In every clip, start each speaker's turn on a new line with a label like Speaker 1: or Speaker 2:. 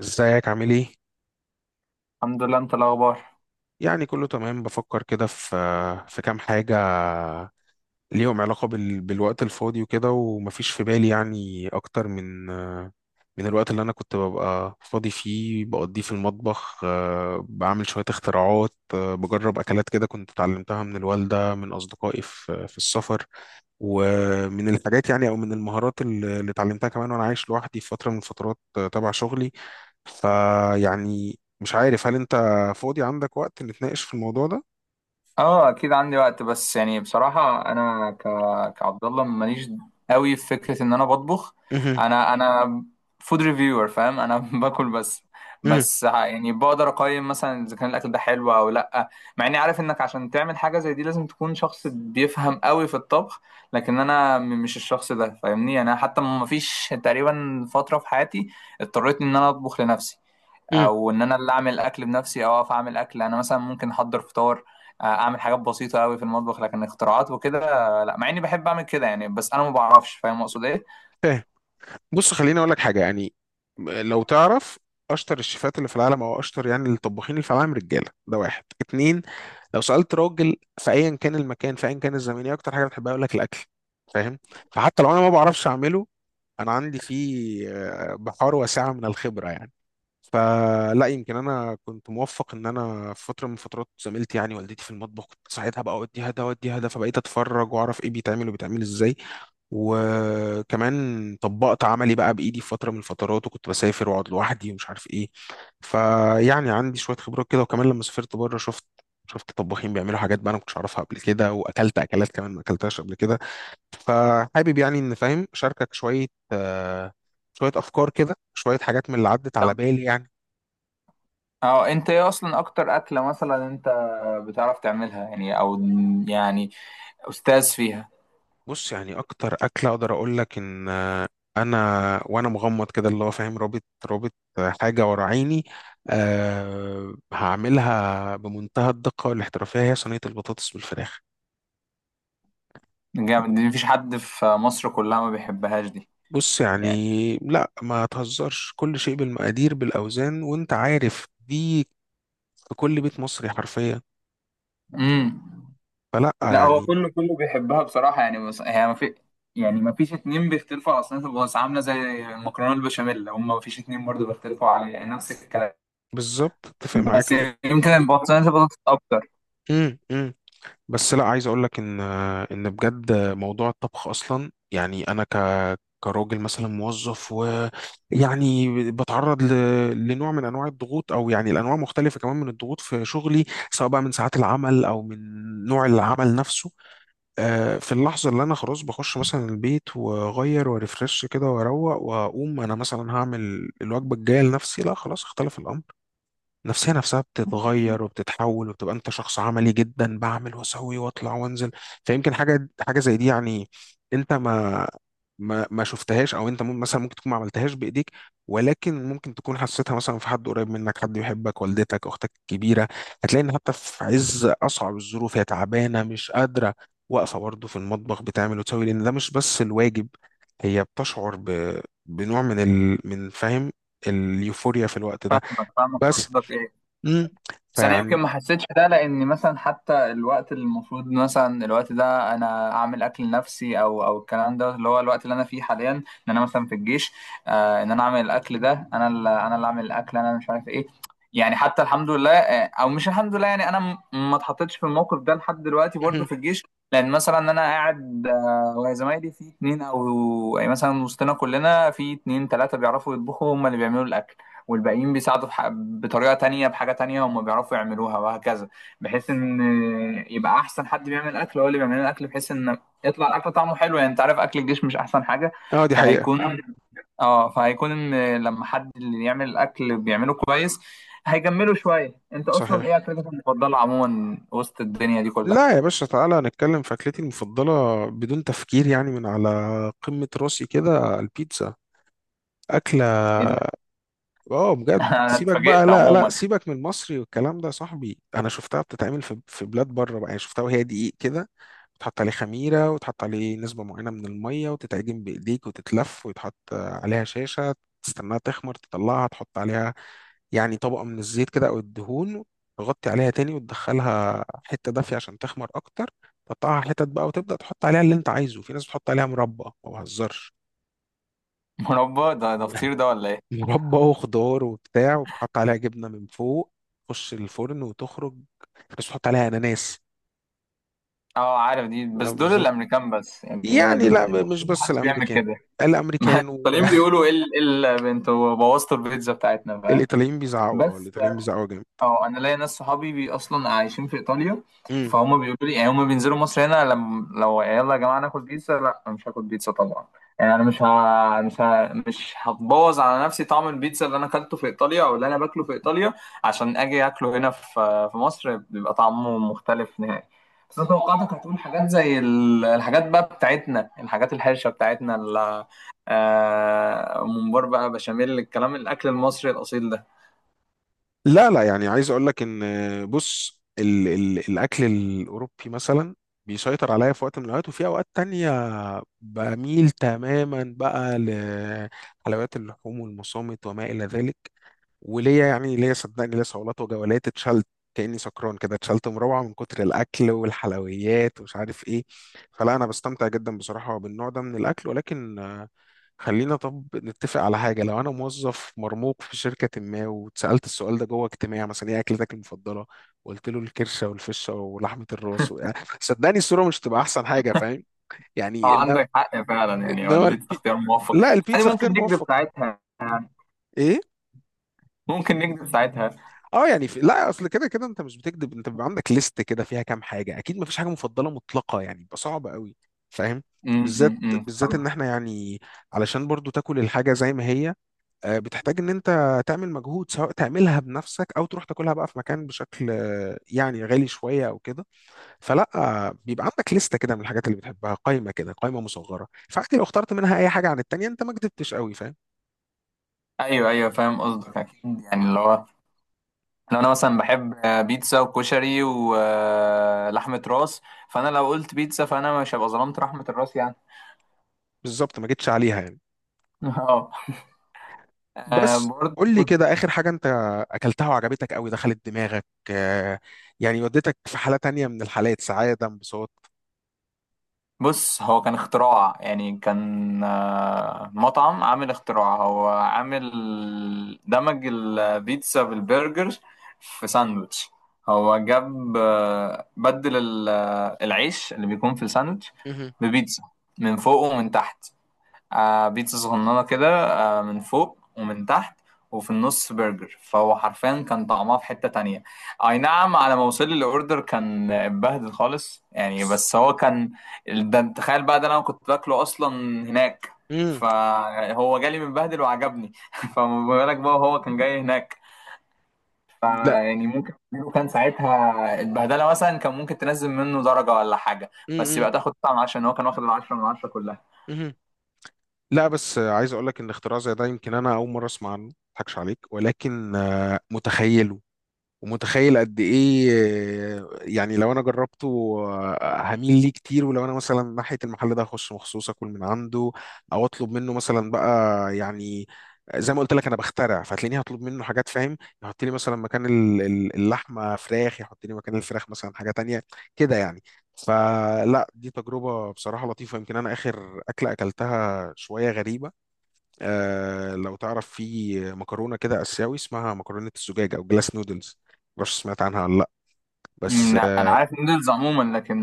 Speaker 1: ازيك عامل ايه؟
Speaker 2: الحمد لله. انت الاخبار؟
Speaker 1: يعني كله تمام، بفكر كده في كام حاجة ليهم علاقة بالوقت الفاضي وكده، ومفيش في بالي يعني أكتر من الوقت اللي أنا كنت ببقى فاضي فيه، بقضيه في المطبخ. بعمل شوية اختراعات. بجرب أكلات كده كنت اتعلمتها من الوالدة، من أصدقائي في السفر. ومن الحاجات يعني، أو من المهارات اللي اتعلمتها كمان وأنا عايش لوحدي في فترة من الفترات، تبع شغلي. فيعني مش عارف، هل انت فاضي عندك وقت نتناقش في الموضوع ده؟
Speaker 2: اه، اكيد عندي وقت. بس يعني بصراحه انا كعبد الله ماليش قوي في فكره ان انا بطبخ.
Speaker 1: مهم.
Speaker 2: انا فود ريفيور، فاهم؟ انا باكل بس.
Speaker 1: مم.
Speaker 2: بس يعني بقدر اقيم مثلا اذا كان الاكل ده حلو او لا. مع اني عارف انك عشان تعمل حاجه زي دي لازم تكون شخص بيفهم قوي في الطبخ، لكن انا مش الشخص ده، فاهمني؟ يعني انا حتى ما فيش تقريبا فتره في حياتي اضطريت ان انا اطبخ لنفسي،
Speaker 1: مم.
Speaker 2: او ان انا اللي اعمل الاكل بنفسي، او اقف اعمل اكل. انا مثلا ممكن احضر فطار، اعمل حاجات بسيطه قوي في المطبخ. لكن اختراعات وكده، لا. مع اني بحب اعمل كده يعني، بس انا ما بعرفش. فاهم اقصد ايه؟
Speaker 1: فاهم. بص، خليني اقول لك حاجه يعني. لو تعرف اشطر الشيفات اللي في العالم، او اشطر يعني الطباخين اللي في العالم، رجاله ده واحد اتنين. لو سالت راجل في ايا كان المكان، في ايا كان الزمن، ايه اكتر حاجه بتحبها؟ يقول لك الاكل. فاهم؟ فحتى لو انا ما بعرفش اعمله، انا عندي فيه بحار واسعه من الخبره يعني. فلا يمكن انا كنت موفق، ان انا في فتره من فترات زميلتي يعني والدتي في المطبخ، كنت ساعتها بقى اوديها ده اوديها ده، فبقيت اتفرج واعرف ايه بيتعمل وبيتعمل ازاي. وكمان طبقت عملي بقى بايدي في فتره من الفترات، وكنت بسافر واقعد لوحدي ومش عارف ايه. فيعني عندي شويه خبرات كده. وكمان لما سافرت بره، شفت طباخين بيعملوا حاجات بقى انا ما كنتش اعرفها قبل كده، واكلت اكلات كمان ما اكلتهاش قبل كده. فحابب يعني ان، فاهم، اشاركك شويه. آه، شويه افكار كده، شويه حاجات من اللي عدت على
Speaker 2: طب،
Speaker 1: بالي يعني.
Speaker 2: اه انت ايه اصلا اكتر اكله مثلا انت بتعرف تعملها؟ يعني، او يعني استاذ فيها.
Speaker 1: بص، يعني اكتر اكله اقدر اقول لك ان انا، وانا مغمض كده، اللي هو فاهم، رابط حاجه ورا عيني، أه، هعملها بمنتهى الدقه والاحترافيه، هي صينيه البطاطس بالفراخ.
Speaker 2: جامد. دي مفيش حد في مصر كلها ما بيحبهاش دي.
Speaker 1: بص يعني،
Speaker 2: يعني،
Speaker 1: لا ما تهزرش، كل شيء بالمقادير بالاوزان وانت عارف دي. في كل بيت مصري حرفيا.
Speaker 2: امم
Speaker 1: فلا
Speaker 2: لا، هو
Speaker 1: يعني.
Speaker 2: كله بيحبها بصراحة. يعني بس هي ما في، يعني ما فيش اتنين بيختلفوا على صينية البطاطس، عاملة زي المكرونة البشاميل. هم ما فيش اتنين برضه بيختلفوا على، يعني نفس الكلام.
Speaker 1: بالظبط، اتفق معاك.
Speaker 2: بس يعني يمكن صينية البطاطس أكتر.
Speaker 1: امم، إمم. بس لا، عايز اقول لك ان ان بجد موضوع الطبخ اصلا، يعني انا ك، كراجل مثلا موظف، ويعني بتعرض لنوع من انواع الضغوط، او يعني الانواع مختلفه كمان من الضغوط في شغلي، سواء بقى من ساعات العمل او من نوع العمل نفسه. في اللحظه اللي انا خلاص بخش مثلا البيت، واغير وريفرش كده واروق، واقوم انا مثلا هعمل الوجبه الجايه لنفسي، لا خلاص اختلف الامر. النفسية نفسها بتتغير وبتتحول، وبتبقى انت شخص عملي جدا، بعمل واسوي واطلع وانزل. فيمكن حاجة زي دي يعني، انت ما شفتهاش، او انت مثلا ممكن تكون ما عملتهاش بايديك، ولكن ممكن تكون حسيتها مثلا في حد قريب منك، حد يحبك، والدتك، اختك الكبيرة. هتلاقي ان حتى في عز اصعب الظروف، هي تعبانة مش قادرة، واقفة برضه في المطبخ بتعمل وتسوي، لان ده مش بس الواجب، هي بتشعر بنوع من من، فاهم، اليوفوريا في الوقت ده.
Speaker 2: ما فاهمك،
Speaker 1: بس،
Speaker 2: قصدك إيه؟
Speaker 1: امم
Speaker 2: بس انا يمكن
Speaker 1: فيعني.
Speaker 2: ما حسيتش ده، لان مثلا حتى الوقت اللي المفروض مثلا الوقت ده انا اعمل اكل لنفسي، او الكلام ده، اللي هو الوقت اللي انا فيه حاليا، ان انا مثلا في الجيش. آه، ان انا اعمل الاكل ده، انا اللي اعمل الاكل، انا مش عارف ايه. يعني حتى الحمد لله، او مش الحمد لله يعني، انا ما اتحطيتش في الموقف ده لحد دلوقتي برضه
Speaker 1: مهم.
Speaker 2: في الجيش. لان مثلا انا قاعد، وزمايلي في اتنين، او يعني مثلا وسطنا كلنا في اتنين تلاته بيعرفوا يطبخوا، هم اللي بيعملوا الاكل. والباقيين بيساعدوا بطريقة تانية، بحاجة تانية هم بيعرفوا يعملوها، وهكذا. بحيث ان يبقى احسن حد بيعمل اكل هو اللي بيعمل الاكل، بحيث ان يطلع الاكل طعمه حلو. يعني انت عارف اكل الجيش مش احسن حاجة.
Speaker 1: اه دي حقيقة.
Speaker 2: فهيكون اه فهيكون ان لما حد اللي يعمل الاكل بيعمله كويس هيجمله شوية. انت اصلا
Speaker 1: صحيح.
Speaker 2: ايه اكلتك المفضلة عموما وسط الدنيا دي كلها؟
Speaker 1: لا يا باشا، تعالى نتكلم في أكلتي المفضلة. بدون تفكير يعني، من على قمة راسي كده، البيتزا. أكلة.
Speaker 2: ايه ده؟
Speaker 1: اه بجد،
Speaker 2: انا
Speaker 1: سيبك بقى،
Speaker 2: اتفاجئت
Speaker 1: لا
Speaker 2: عموما.
Speaker 1: سيبك من المصري والكلام ده، يا صاحبي. أنا شفتها بتتعمل في بلاد بره بقى. يعني شفتها وهي دقيق كده، تحط عليه خميرة، وتحط عليه نسبة معينة من المية، وتتعجن بإيديك، وتتلف، ويتحط عليها شاشة. تستناها تخمر، تطلعها، تحط عليها يعني طبقة من الزيت كده أو الدهون، تغطي عليها تاني، وتدخلها حتة دافية عشان تخمر أكتر. تقطعها حتت بقى، وتبدأ تحط عليها اللي أنت عايزه. في ناس بتحط عليها مربى، ما بهزرش.
Speaker 2: مربى؟ ده فطير ده ولا ايه؟
Speaker 1: مربى وخضار وبتاع، وبتحط عليها جبنة من فوق، تخش الفرن وتخرج. بس بتحط عليها أناناس.
Speaker 2: اه عارف دي،
Speaker 1: لا،
Speaker 2: بس دول
Speaker 1: بالظبط.
Speaker 2: الامريكان بس. يعني
Speaker 1: يعني لا، مش
Speaker 2: الإيطاليين
Speaker 1: بس
Speaker 2: محدش بيعمل
Speaker 1: الأمريكان.
Speaker 2: كده. ما
Speaker 1: الأمريكان
Speaker 2: طالعين بيقولوا ايه ايه البنت وبوظتوا البيتزا بتاعتنا، فاهم؟
Speaker 1: والإيطاليين بيزعقوا.
Speaker 2: بس
Speaker 1: الإيطاليين بيزعقوا جامد.
Speaker 2: اه انا ليا ناس صحابي بي اصلا عايشين في ايطاليا.
Speaker 1: إمم.
Speaker 2: فهم بيقولوا لي، يعني هم بينزلوا مصر هنا، لم لو يلا يا جماعه ناكل بيتزا، لا أنا مش هاكل بيتزا طبعا. يعني انا مش هتبوظ على نفسي طعم البيتزا اللي انا اكلته في ايطاليا او اللي انا باكله في ايطاليا عشان اجي اكله هنا في في مصر. بيبقى طعمه مختلف نهائي. بس انا توقعتك هتقول حاجات زي الحاجات بقى بتاعتنا، الحاجات الحرشه بتاعتنا، ممبار بقى، بشاميل، الكلام، الاكل المصري الاصيل ده.
Speaker 1: لا لا يعني، عايز اقول لك ان، بص ال ال الاكل الاوروبي مثلا بيسيطر عليا في وقت من الاوقات، وفي اوقات تانية بميل تماما بقى لحلويات اللحوم والمصامت وما الى ذلك. وليا يعني، ليا صدقني، ليا صولات وجولات، اتشلت كاني سكران كده، اتشلت مروعه من كتر الاكل والحلويات ومش عارف ايه. فلا، انا بستمتع جدا بصراحه بالنوع ده من الاكل، ولكن خلينا طب نتفق على حاجة. لو أنا موظف مرموق في شركة ما، واتسألت السؤال ده جوه اجتماع مثلا، إيه أكلتك المفضلة؟ وقلت له الكرشة والفشة ولحمة الراس صدقني الصورة مش هتبقى أحسن حاجة، فاهم؟ يعني إنما،
Speaker 2: عندك حق فعلا. يعني هو
Speaker 1: إنما
Speaker 2: البيتزا
Speaker 1: البي...
Speaker 2: اختيار موفق.
Speaker 1: لا،
Speaker 2: يعني
Speaker 1: البيتزا
Speaker 2: ممكن
Speaker 1: اختيار
Speaker 2: نكذب
Speaker 1: موفق.
Speaker 2: ساعتها.
Speaker 1: إيه؟
Speaker 2: ممكن نكذب ساعتها.
Speaker 1: أه، يعني لا، أصل كده كده أنت مش بتكذب، أنت بيبقى عندك ليست كده فيها كام حاجة أكيد، مفيش حاجة مفضلة مطلقة يعني، بيبقى صعب قوي، فاهم؟ بالذات،
Speaker 2: امم،
Speaker 1: بالذات إن
Speaker 2: فاهمك.
Speaker 1: إحنا يعني، علشان برضو تاكل الحاجة زي ما هي، بتحتاج ان انت تعمل مجهود، سواء تعملها بنفسك او تروح تاكلها بقى في مكان بشكل يعني غالي شويه او كده. فلا، بيبقى عندك لسته كده من الحاجات اللي بتحبها، قائمه كده قائمه مصغره، فعادي لو اخترت منها اي حاجه عن التانيه انت ما كدبتش قوي، فاهم.
Speaker 2: ايوه ايوه فاهم قصدك اكيد. يعني اللي هو لو انا مثلا بحب بيتزا وكشري ولحمه راس، فانا لو قلت بيتزا فانا مش هبقى ظلمت لحمه الراس يعني.
Speaker 1: بالظبط، ما جيتش عليها يعني.
Speaker 2: اه.
Speaker 1: بس
Speaker 2: برضه.
Speaker 1: قول لي كده، اخر حاجه انت اكلتها وعجبتك قوي، دخلت دماغك، آه، يعني وديتك في حاله تانيه من الحالات، سعاده، انبساط.
Speaker 2: بص هو كان اختراع. يعني كان مطعم عامل اختراع، هو عامل دمج البيتزا بالبرجر في ساندوتش. هو جاب بدل العيش اللي بيكون في الساندوتش
Speaker 1: مهم.
Speaker 2: ببيتزا، من فوق ومن تحت. بيتزا صغننة كده، من فوق ومن تحت، وفي النص برجر. فهو حرفيا كان طعمها في حتة تانية. أي نعم، على ما وصل لي الأوردر كان اتبهدل خالص يعني، بس هو كان، ده انت تخيل بقى، ده أنا كنت باكله أصلا هناك.
Speaker 1: مم.
Speaker 2: فهو جالي متبهدل وعجبني. فما بالك بقى، هو كان جاي هناك.
Speaker 1: لا.
Speaker 2: فيعني ممكن لو كان ساعتها البهدلة مثلا كان ممكن تنزل منه درجة ولا حاجة، بس
Speaker 1: مم.
Speaker 2: يبقى تاخد طعم. عشان هو كان واخد 10/10 كلها.
Speaker 1: مم. لا بس عايز اقول لك ان اختراع زي ده، يمكن انا اول مره اسمع عنه، ما اضحكش عليك، ولكن متخيله. ومتخيل قد ايه يعني لو انا جربته هميل ليه كتير. ولو انا مثلا ناحيه المحل ده هخش مخصوص اكل من عنده، او اطلب منه مثلا بقى يعني، زي ما قلت لك انا بخترع، فهتلاقيني هطلب منه حاجات، فاهم، يحط لي مثلا مكان اللحمه فراخ، يحط لي مكان الفراخ مثلا حاجه تانية كده يعني. فلا دي تجربه بصراحه لطيفه. يمكن انا اخر اكله اكلتها شويه غريبه. آه، لو تعرف، في مكرونه كده اسيوي، اسمها مكرونه الزجاج او جلاس نودلز، معرفش سمعت عنها ولا لا.
Speaker 2: مم،
Speaker 1: بس
Speaker 2: لا انا
Speaker 1: آه،
Speaker 2: عارف نودلز عموما، لكن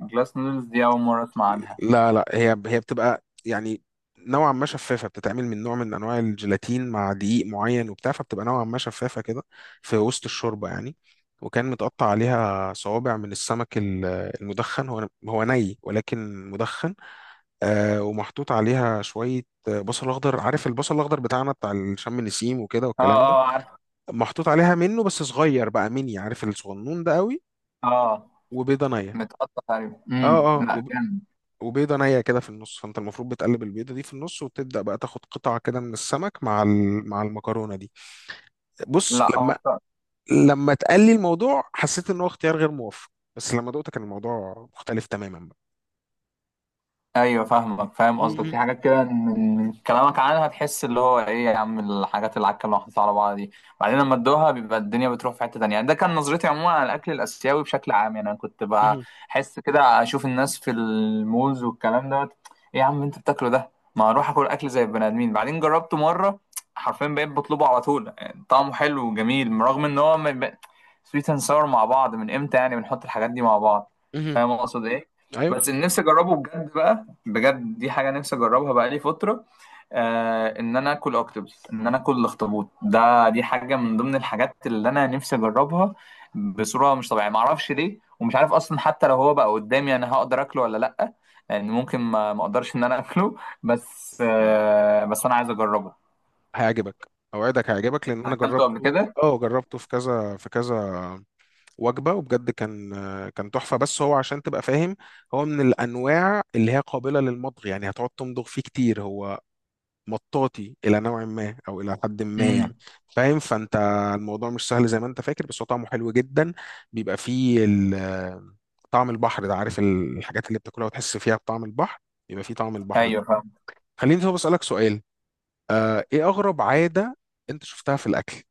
Speaker 2: جلاس نودلز دي اول مره اسمع عنها.
Speaker 1: لا هي بتبقى يعني نوعا ما شفافه، بتتعمل من نوع من انواع الجيلاتين مع دقيق معين وبتاع، فبتبقى نوعا ما شفافه كده في وسط الشوربه يعني. وكان متقطع عليها صوابع من السمك المدخن، هو ني ولكن مدخن. آه، ومحطوط عليها شويه بصل اخضر. عارف البصل الاخضر بتاعنا بتاع الشم نسيم وكده
Speaker 2: اه.
Speaker 1: والكلام ده.
Speaker 2: اه عارف.
Speaker 1: محطوط عليها منه بس صغير بقى، ميني. عارف الصغنون ده قوي.
Speaker 2: اه
Speaker 1: وبيضه نيه.
Speaker 2: متقطع تقريبا. امم،
Speaker 1: اه، اه،
Speaker 2: لا جامد.
Speaker 1: وبيضه نيه كده في النص، فانت المفروض بتقلب البيضه دي في النص، وتبدا بقى تاخد قطعه كده من السمك مع مع المكرونه دي. بص
Speaker 2: لا
Speaker 1: لما،
Speaker 2: هو
Speaker 1: لما اتقال لي الموضوع حسيت ان هو اختيار غير موفق، بس لما دقت كان الموضوع مختلف تماما بقى.
Speaker 2: ايوه فاهمك، فاهم قصدك.
Speaker 1: مم،
Speaker 2: في حاجات كده من كلامك عنها تحس اللي هو ايه يا عم الحاجات العكه اللي محطوطه على بعض دي. بعدين لما ادوها بيبقى الدنيا بتروح في حته تانية يعني. ده كان نظرتي عموما على الاكل الاسيوي بشكل عام يعني. انا كنت
Speaker 1: مم،
Speaker 2: بحس كده اشوف الناس في المولز والكلام دوت، ايه يا عم انت بتاكله ده، ما اروح اكل اكل زي البني ادمين. بعدين جربته مره، حرفيا بقيت بطلبه على طول. يعني طعمه حلو وجميل، رغم ان هو سويت اند ساور مع بعض. من امتى يعني بنحط الحاجات دي مع بعض؟
Speaker 1: مم، مم.
Speaker 2: فاهم اقصد ايه؟
Speaker 1: ايوه،
Speaker 2: بس اللي نفسي اجربه بجد بقى، بجد دي حاجة نفسي أجربها بقالي فترة، إن أنا آكل أوكتوبس، إن أنا آكل الأخطبوط ده. دي حاجة من ضمن الحاجات اللي أنا نفسي أجربها بصورة مش طبيعية، معرفش ليه. ومش عارف أصلا حتى لو هو بقى قدامي أنا هقدر آكله ولا لأ، لأن ممكن ما أقدرش إن أنا آكله. بس أنا عايز أجربه.
Speaker 1: هيعجبك، اوعدك هيعجبك
Speaker 2: أنت
Speaker 1: لان انا
Speaker 2: أكلته قبل
Speaker 1: جربته.
Speaker 2: كده؟
Speaker 1: اه، جربته في كذا في كذا وجبه، وبجد كان، كان تحفه. بس هو عشان تبقى فاهم، هو من الانواع اللي هي قابله للمضغ يعني، هتقعد تمضغ فيه كتير. هو مطاطي الى نوع ما او الى حد ما
Speaker 2: امم.
Speaker 1: يعني. فاهم؟ فانت الموضوع مش سهل زي ما انت فاكر، بس هو طعمه حلو جدا. بيبقى فيه طعم البحر ده. عارف الحاجات اللي بتاكلها وتحس فيها بطعم البحر؟ يبقى فيه طعم البحر ده.
Speaker 2: أيوه فاهم.
Speaker 1: خليني طب اسالك سؤال. آه، ايه اغرب عاده انت شفتها في الاكل؟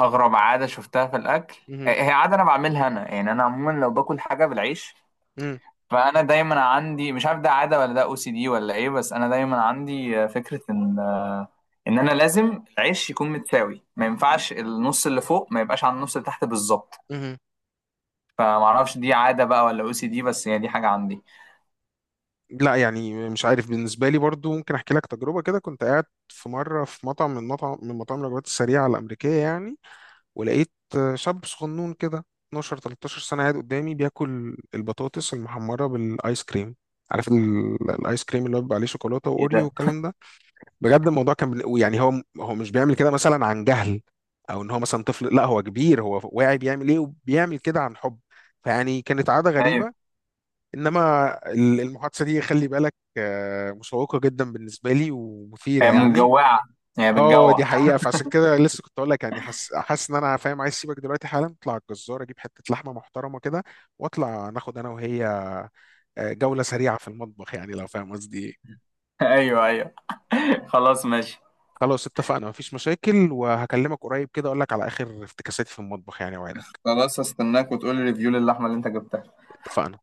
Speaker 2: أغرب عادة شفتها في الأكل؟
Speaker 1: مهم.
Speaker 2: هي عادة أنا بعملها أنا، يعني أنا عموما لو باكل حاجة بالعيش،
Speaker 1: مم.
Speaker 2: فانا دايما عندي، مش عارف ده عاده ولا ده OCD ولا ايه، بس انا دايما عندي فكره ان انا لازم العيش يكون متساوي، ما ينفعش النص اللي فوق ما يبقاش على النص اللي تحت بالظبط.
Speaker 1: مهم.
Speaker 2: فما اعرفش دي عاده بقى ولا OCD، بس هي دي حاجه عندي.
Speaker 1: لا يعني، مش عارف، بالنسبة لي برضو ممكن أحكي لك تجربة كده. كنت قاعد في مرة في مطعم، من مطاعم الوجبات السريعة الأمريكية يعني، ولقيت شاب صغنون كده 12 13 سنة قاعد قدامي بياكل البطاطس المحمرة بالآيس كريم. عارف الآيس كريم اللي هو بيبقى عليه شوكولاتة
Speaker 2: ايه
Speaker 1: وأوريو
Speaker 2: ده؟
Speaker 1: والكلام ده. بجد الموضوع كان يعني هو، هو مش بيعمل كده مثلا عن جهل، أو إن هو مثلا طفل، لا هو كبير، هو واعي بيعمل إيه، وبيعمل كده عن حب. فيعني كانت عادة
Speaker 2: ايوه.
Speaker 1: غريبة. انما المحادثه دي خلي بالك، مشوقه جدا بالنسبه لي ومثيره
Speaker 2: هي
Speaker 1: يعني.
Speaker 2: مجوعه. هي
Speaker 1: اه دي
Speaker 2: بتجوع.
Speaker 1: حقيقه. فعشان كده لسه كنت اقول لك يعني، حاسس، حاسس ان انا فاهم، عايز اسيبك دلوقتي حالا اطلع على الجزار، اجيب حته لحمه محترمه كده، واطلع ناخد انا وهي جوله سريعه في المطبخ يعني، لو فاهم قصدي ايه.
Speaker 2: ايوه ايوه. خلاص ماشي.
Speaker 1: خلاص اتفقنا، مفيش مشاكل، وهكلمك قريب كده، اقول لك على اخر افتكاساتي في المطبخ يعني، وعدك.
Speaker 2: خلاص هستناك، وتقولي ريفيو للحمه اللي انت جبتها.
Speaker 1: اتفقنا.